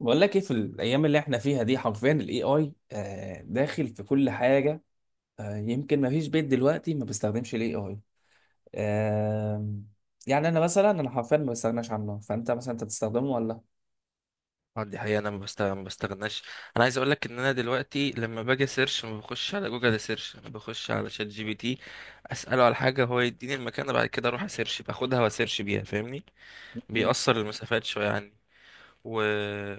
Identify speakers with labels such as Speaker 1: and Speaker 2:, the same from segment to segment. Speaker 1: بقول لك ايه في الايام اللي احنا فيها دي حرفيا الاي اي داخل في كل حاجه. يمكن ما فيش بيت دلوقتي ما بيستخدمش الاي اي. يعني انا حرفيا ما بستغناش عنه، فانت مثلا انت بتستخدمه ولا؟
Speaker 2: اه دي حقيقة، انا ما بستغناش. انا عايز اقول لك ان انا دلوقتي لما باجي سيرش ما بخش على جوجل سيرش، انا بخش على شات جي بي تي، اساله على حاجة هو يديني المكان، بعد كده اروح اسيرش، باخدها واسيرش بيها، فاهمني؟
Speaker 1: م-
Speaker 2: بيأثر المسافات شوية عني. و...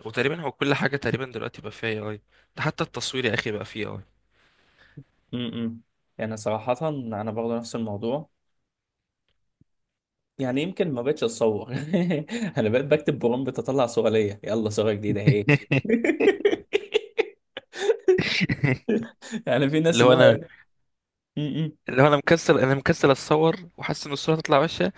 Speaker 2: وتقريبا هو كل حاجة تقريبا دلوقتي بقى فيها اي اي، ده حتى التصوير يا اخي بقى فيه اي.
Speaker 1: م- يعني صراحه انا برضه نفس الموضوع. يعني يمكن ما بقتش اتصور انا بقيت بكتب برومبت اطلع صوره ليا، يلا صوره جديده اهي يعني في ناس
Speaker 2: اللي
Speaker 1: اللي
Speaker 2: هو
Speaker 1: هو
Speaker 2: انا،
Speaker 1: ايه. م- م.
Speaker 2: اللي هو انا مكسل، انا مكسل اتصور وحاسس ان الصورة تطلع وحشة.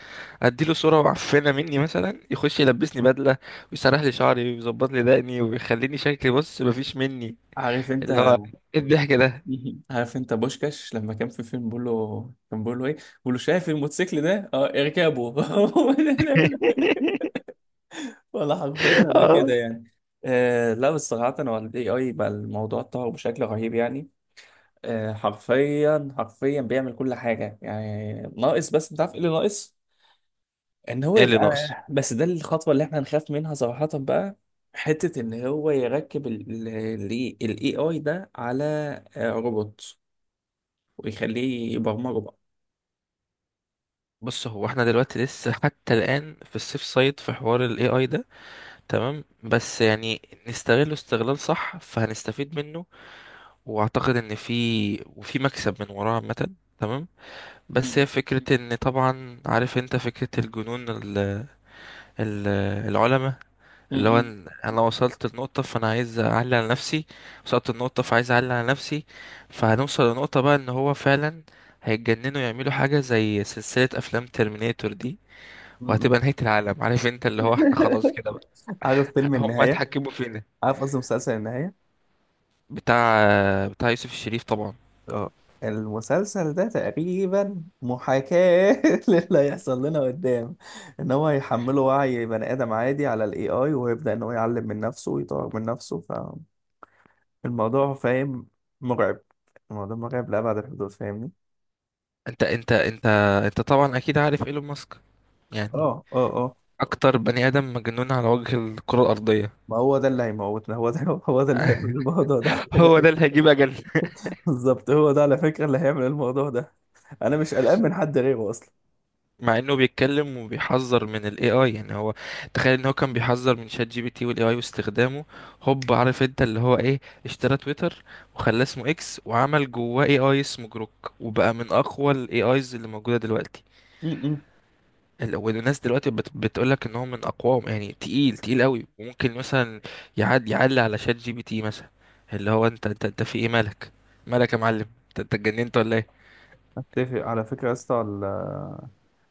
Speaker 2: اديله صورة معفنة مني مثلا، يخش يلبسني بدلة ويسرح لي شعري ويظبط لي دقني ويخليني شكلي بص مفيش مني.
Speaker 1: عارف انت.
Speaker 2: اللي هو ايه الضحك ده؟
Speaker 1: مهم. عارف انت بوشكاش لما كان في فيلم بيقول له، كان بيقول له ايه، بيقول له شايف الموتوسيكل ده، اه اركبه ولا حرفيا انا
Speaker 2: اه،
Speaker 1: كده يعني. آه، لا بس صراحة هو الاي اي بقى الموضوع اتطور بشكل رهيب يعني. حرفيا حرفيا بيعمل كل حاجة، يعني ناقص، بس انت عارف ايه اللي ناقص؟ ان هو
Speaker 2: ايه اللي
Speaker 1: يبقى،
Speaker 2: ناقص؟
Speaker 1: بس ده الخطوة اللي احنا نخاف منها صراحة بقى. حتة ان هو يركب الاي اي ده على روبوت ويخليه يبرمجه بقى.
Speaker 2: بص، هو احنا دلوقتي لسه حتى الان في السيف سايد في حوار الاي اي ده، تمام، بس يعني نستغله استغلال صح فهنستفيد منه، واعتقد ان في... وفي مكسب من وراه عامه، تمام. بس هي فكرة ان طبعا عارف انت فكرة الجنون ال- العلماء،
Speaker 1: م-
Speaker 2: اللي هو
Speaker 1: م-
Speaker 2: إن انا وصلت لنقطة فانا عايز اعلي على نفسي، وصلت لنقطة فعايز اعلي على نفسي، فهنوصل لنقطة بقى ان هو فعلا هيتجننوا، يعملوا حاجة زي سلسلة افلام ترمينيتور دي،
Speaker 1: م.
Speaker 2: وهتبقى نهاية العالم، عارف انت، اللي هو احنا خلاص كده بقى.
Speaker 1: عارف فيلم
Speaker 2: هم
Speaker 1: النهاية؟
Speaker 2: هيتحكموا فينا.
Speaker 1: عارف قصدي مسلسل النهاية؟
Speaker 2: بتاع بتاع يوسف الشريف طبعا.
Speaker 1: اه، المسلسل ده تقريبا محاكاة للي هيحصل لنا قدام. ان هو هيحمله وعي بني ادم عادي على الاي اي، ويبدأ ان هو يعلم من نفسه ويطور من نفسه. فالموضوع فاهم مرعب، الموضوع مرعب لأبعد الحدود، فاهمني؟
Speaker 2: انت انت طبعا اكيد عارف ايلون ماسك، يعني
Speaker 1: اه اه اه.
Speaker 2: اكتر بني ادم مجنون على وجه الكرة الارضية.
Speaker 1: ما هو ده اللي هيموتنا، هو ده، هو ده اللي هيعمل الموضوع ده خلي
Speaker 2: هو ده اللي
Speaker 1: بالك.
Speaker 2: هيجيب اجل.
Speaker 1: بالظبط، هو ده على فكرة اللي هيعمل الموضوع ده، انا مش قلقان من حد غيره.
Speaker 2: مع انه بيتكلم وبيحذر من الاي اي، يعني هو تخيل ان هو كان بيحذر من شات جي بي تي والاي اي واستخدامه، هوب، عارف انت اللي هو ايه، اشترى تويتر وخلاه اسمه اكس، وعمل جواه اي اي اسمه جروك، وبقى من اقوى الاي ايز اللي موجوده دلوقتي.
Speaker 1: اصلا
Speaker 2: والناس دلوقتي بتقول لك ان هو من اقواهم، يعني تقيل تقيل قوي، وممكن مثلا يعلي على شات جي بي تي مثلا. اللي هو انت في ايه، مالك؟ مالك يا معلم؟ انت اتجننت ولا ايه؟
Speaker 1: اتفق على فكرة يا اسطى،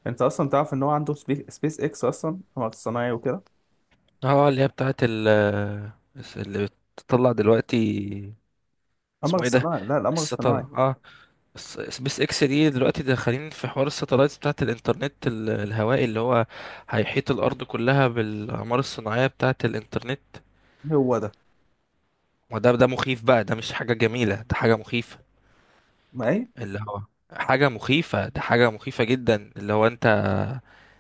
Speaker 1: انت اصلا تعرف ان هو عنده سبيس اكس اصلا قمر صناعي وكده.
Speaker 2: اه اللي هي بتاعت ال اللي بتطلع دلوقتي،
Speaker 1: قمر
Speaker 2: اسمه ايه ده؟
Speaker 1: صناعي، لا القمر
Speaker 2: الستار،
Speaker 1: الصناعي.
Speaker 2: اه، سبيس اكس دي، دلوقتي داخلين في حوار الستلايتس بتاعت الانترنت الهوائي، اللي هو هيحيط الارض كلها بالاقمار الصناعيه بتاعت الانترنت.
Speaker 1: إيه هو ده؟
Speaker 2: ده مخيف بقى، ده مش حاجه جميله، ده حاجه مخيفه،
Speaker 1: ما ايه.
Speaker 2: اللي هو حاجه مخيفه، ده حاجه مخيفه جدا، اللي هو انت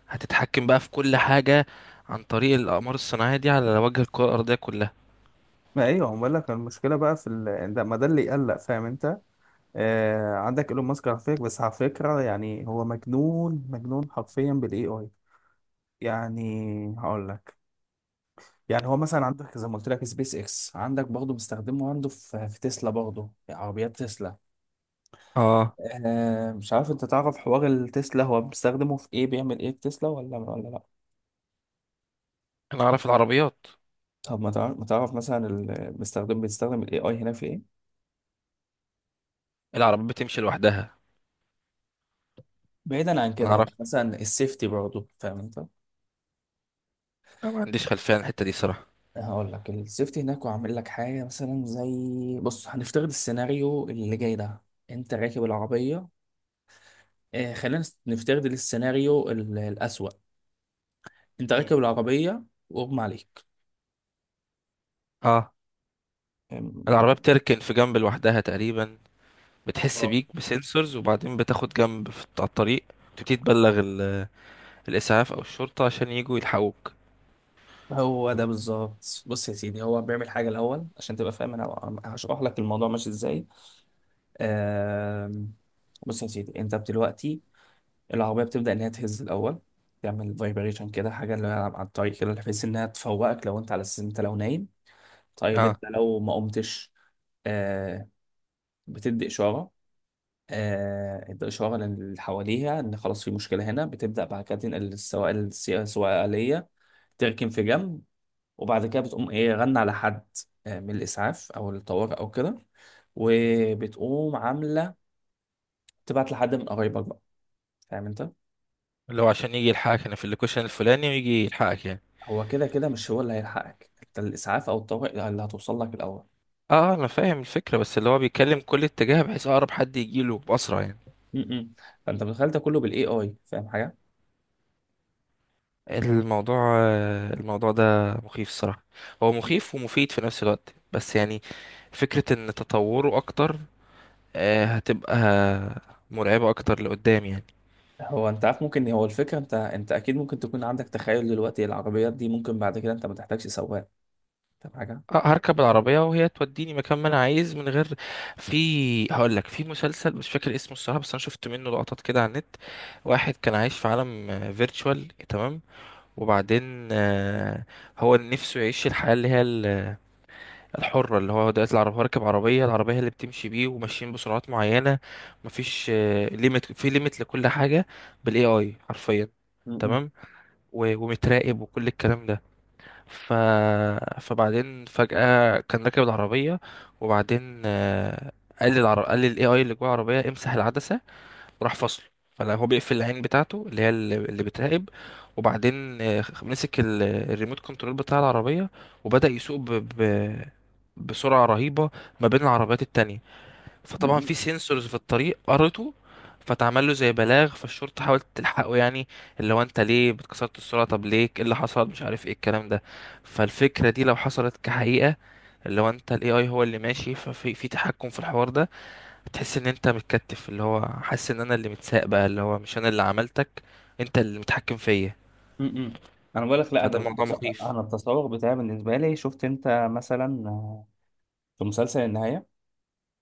Speaker 2: هتتحكم بقى في كل حاجه عن طريق الاقمار الصناعيه دي على وجه الكره الارضيه كلها.
Speaker 1: ما ايوه هو بقول لك المشكله بقى في ده، ما ده اللي يقلق، فاهم انت؟ عندك ايلون ماسك على فكره، بس على فكره يعني هو مجنون، مجنون حرفيا بالاي اي يعني. هقول لك، يعني هو مثلا عندك زي ما قلت لك سبيس اكس، عندك برضه مستخدمه عنده في تسلا برضه عربيات تسلا.
Speaker 2: اه،
Speaker 1: مش عارف انت تعرف حوار التسلا، هو بيستخدمه في ايه بيعمل ايه في تسلا، ولا لا؟
Speaker 2: انا اعرف العربيات،
Speaker 1: طب ما تعرف مثلا المستخدم بيستخدم الاي اي هنا في ايه.
Speaker 2: العربيات بتمشي لوحدها.
Speaker 1: بعيدا عن
Speaker 2: انا
Speaker 1: كده يعني
Speaker 2: اعرف،
Speaker 1: مثلا السيفتي برضه فاهم انت.
Speaker 2: أنا ما عنديش خلفيه عن الحته دي صراحه.
Speaker 1: هقول لك، السيفتي هناك وعامل لك حاجه مثلا زي بص، هنفترض السيناريو اللي جاي ده. انت راكب العربيه. خلينا نفترض السيناريو الاسوأ. انت
Speaker 2: مم.
Speaker 1: راكب العربيه واغمى عليك.
Speaker 2: اه،
Speaker 1: آم،
Speaker 2: العربية بتركن في جنب لوحدها تقريبا، بتحس
Speaker 1: اه
Speaker 2: بيك بسنسورز وبعدين بتاخد جنب في على الطريق، تبتدي تبلغ الإسعاف أو الشرطة عشان يجوا يلحقوك.
Speaker 1: هو ده بالظبط، بص يا سيدي هو بيعمل حاجة الأول عشان تبقى فاهم، أنا هشرح لك الموضوع ماشي إزاي. آم، بص يا سيدي أنت دلوقتي العربية بتبدأ إن هي تهز الأول، تعمل فايبريشن كده حاجة اللي هي على الطريق كده، بحيث إنها تفوقك لو أنت على أساس أنت لو نايم. طيب
Speaker 2: اه،
Speaker 1: أنت لو ما قمتش، آه، بتدي إشارة. ادي إشارة للي حواليها إن خلاص في مشكلة هنا، بتبدأ بعد كده تنقل السواق، السواقية، تركن في جنب. وبعد كده بتقوم ايه غنى على حد، من الاسعاف او الطوارئ او كده. وبتقوم عامله تبعت لحد من قرايبك بقى، فاهم انت؟
Speaker 2: اللي هو عشان يجي يلحقك، أنا في اللوكيشن الفلاني، ويجي يلحقك يعني.
Speaker 1: هو كده كده مش هو اللي هيلحقك انت، الاسعاف او الطوارئ اللي هتوصل لك الاول.
Speaker 2: اه، أنا فاهم الفكرة، بس اللي هو بيتكلم كل اتجاه بحيث أقرب حد يجيله بأسرع يعني.
Speaker 1: م- م. فانت متخيل ده كله بالاي اي، فاهم حاجه؟
Speaker 2: الموضوع الموضوع ده مخيف الصراحة، هو
Speaker 1: م.
Speaker 2: مخيف ومفيد في نفس الوقت بس يعني، فكرة ان تطوره اكتر هتبقى مرعبة اكتر لقدام يعني.
Speaker 1: هو انت عارف ممكن هو الفكره، انت اكيد ممكن تكون عندك تخيل دلوقتي العربيات دي ممكن بعد كده انت ما تحتاجش سواق. فاهم حاجه؟
Speaker 2: هركب العربية وهي توديني مكان ما انا عايز من غير. في هقول لك، في مسلسل مش فاكر اسمه الصراحة، بس انا شفت منه لقطات كده على النت، واحد كان عايش في عالم فيرتشوال، تمام، وبعدين هو نفسه يعيش الحياة اللي هي الحرة، اللي هو دلوقتي العربية، راكب عربية، العربية هي اللي بتمشي بيه، وماشيين بسرعات معينة، مفيش ليميت، في ليميت لكل حاجة، بالاي اي حرفيا،
Speaker 1: م- م-
Speaker 2: تمام، ومتراقب وكل الكلام ده. ف... فبعدين فجأة كان راكب العربية، وبعدين قال للاي اي اللي جوه العربية: امسح العدسة، راح فصله، فلا هو بيقفل العين بتاعته اللي هي اللي بتراقب، وبعدين مسك الريموت كنترول بتاع العربية، وبدأ يسوق ب... بسرعة رهيبة ما بين العربيات التانية،
Speaker 1: م-
Speaker 2: فطبعا
Speaker 1: م.
Speaker 2: في سنسورز في الطريق قرته، فتعمل له زي بلاغ، فالشرطة حاولت تلحقه، يعني اللي هو انت ليه بتكسرت السرعة، طب ليه، ايه اللي حصل، مش عارف ايه الكلام ده. فالفكرة دي لو حصلت كحقيقة، اللي هو انت، الاي اي هو اللي ماشي ففي تحكم في الحوار ده، بتحس ان انت متكتف، اللي هو حاسس ان انا اللي متساق بقى، اللي هو مش انا اللي عملتك، انت اللي متحكم فيا،
Speaker 1: م- م. انا بقول لك لا،
Speaker 2: فده موضوع مخيف.
Speaker 1: انا التصور بتاعي بالنسبه لي، شفت انت مثلا في مسلسل النهاية؟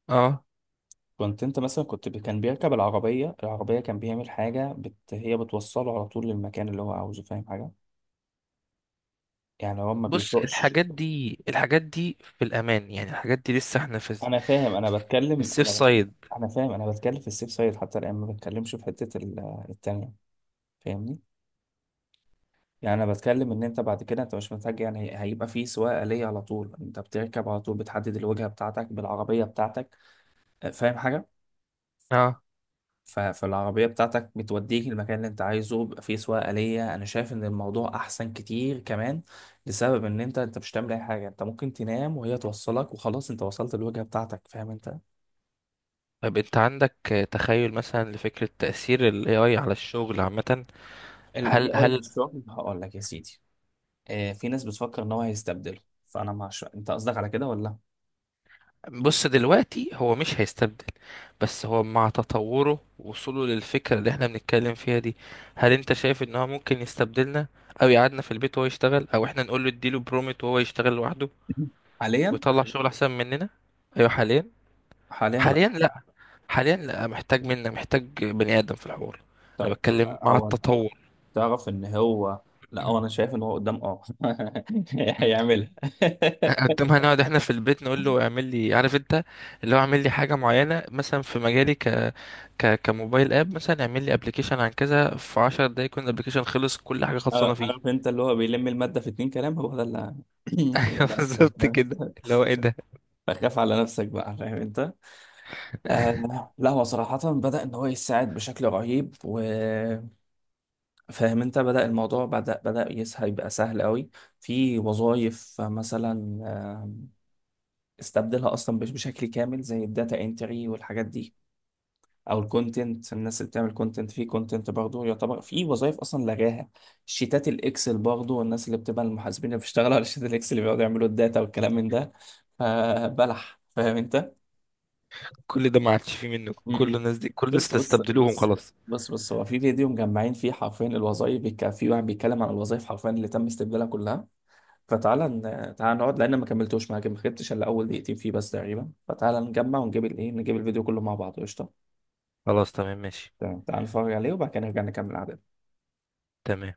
Speaker 2: اه،
Speaker 1: كنت انت مثلا كنت ب- كان بيركب العربية، العربية كان بيعمل حاجة هي بتوصله على طول للمكان اللي هو عاوزه، فاهم حاجة؟ يعني هو ما
Speaker 2: بص
Speaker 1: بيسوقش.
Speaker 2: الحاجات دي، الحاجات دي في الامان يعني، الحاجات دي لسه احنا في
Speaker 1: انا فاهم انا بتكلم
Speaker 2: السيف
Speaker 1: انا ب...
Speaker 2: سايد.
Speaker 1: انا فاهم انا بتكلم في السيف سايد حتى الان، ما بتكلمش في حتة التانية، فاهمني؟ يعني انا بتكلم ان انت بعد كده انت مش محتاج يعني هيبقى في سواقة آلية على طول، انت بتركب على طول، بتحدد الوجهة بتاعتك بالعربية بتاعتك، فاهم حاجة؟
Speaker 2: اه،
Speaker 1: فالعربية بتاعتك بتوديك المكان اللي انت عايزه، بيبقى فيه سواقة آلية، انا شايف ان الموضوع احسن كتير كمان. لسبب ان انت مش هتعمل اي حاجة، انت ممكن تنام وهي توصلك وخلاص انت وصلت الوجهة بتاعتك، فاهم انت؟
Speaker 2: طب انت عندك تخيل مثلا لفكرة تأثير ال AI على الشغل عامة؟
Speaker 1: ال
Speaker 2: هل
Speaker 1: AI في
Speaker 2: هل
Speaker 1: الشغل هقول لك يا سيدي. اه في ناس بتفكر ان هو هيستبدله، فانا مع انت قصدك على كده ولا؟
Speaker 2: بص دلوقتي هو مش هيستبدل، بس هو مع تطوره ووصوله للفكرة اللي احنا بنتكلم فيها دي، هل انت شايف ان هو ممكن يستبدلنا، او يقعدنا في البيت وهو يشتغل، او احنا نقول له اديله برومت وهو يشتغل لوحده
Speaker 1: حاليا،
Speaker 2: ويطلع شغل احسن مننا؟ ايوه حاليا،
Speaker 1: حاليا لا.
Speaker 2: حاليا لا، حاليا لا، محتاج منا، محتاج بني ادم في الحوار. انا
Speaker 1: طيب
Speaker 2: بتكلم مع
Speaker 1: هو
Speaker 2: التطور.
Speaker 1: تعرف ان هو، لا هو انا شايف ان هو قدام هيعملها.
Speaker 2: اقدمها نقعد احنا في البيت، نقول له اعمل لي، عارف انت، اللي هو اعمل لي حاجه معينه مثلا، في مجالي ك ك كموبايل اب مثلا، اعمل لي ابلكيشن عن كذا في 10 دقايق، يكون الابلكيشن خلص كل حاجه خلصانه فيه.
Speaker 1: عارف انت اللي هو بيلم المادة في اتنين كلام، هو ده اللي هو ده
Speaker 2: ايوه
Speaker 1: اللي هيحصل.
Speaker 2: بالظبط كده، اللي هو ايه ده؟
Speaker 1: فخاف على نفسك بقى، فاهم انت. لا هو صراحة بدأ ان هو يساعد بشكل رهيب، وفاهم انت بدأ الموضوع، بدأ يسهل يبقى سهل قوي. في وظائف مثلا استبدلها اصلا مش بشكل كامل زي الداتا انتري والحاجات دي. او الكونتنت، الناس اللي بتعمل كونتنت في كونتنت برضه، يعتبر في وظائف اصلا لغاها. شيتات الاكسل برضه، والناس اللي بتبقى المحاسبين اللي بيشتغلوا على شيتات الاكسل اللي بيقعدوا يعملوا الداتا والكلام من ده، فبلح فاهم انت.
Speaker 2: كل ده ما عادش فيه منه،
Speaker 1: م-
Speaker 2: كل
Speaker 1: م.
Speaker 2: الناس دي، كل
Speaker 1: بص
Speaker 2: الناس
Speaker 1: بص
Speaker 2: استبدلوهم
Speaker 1: بص،
Speaker 2: خلاص.
Speaker 1: بص بص هو في فيديو مجمعين فيه حرفيا الوظائف في واحد بيتكلم عن الوظائف حرفيا اللي تم استبدالها كلها. فتعالى تعالى نقعد لان ما كملتوش معاك ما خدتش الا اول دقيقتين فيه بس تقريبا، فتعالى نجمع ونجيب الايه نجيب الفيديو كله مع بعض قشطه.
Speaker 2: خلاص تمام، ماشي،
Speaker 1: تمام تعالى نتفرج عليه وبعد كده نرجع نكمل قعدتنا.
Speaker 2: تمام.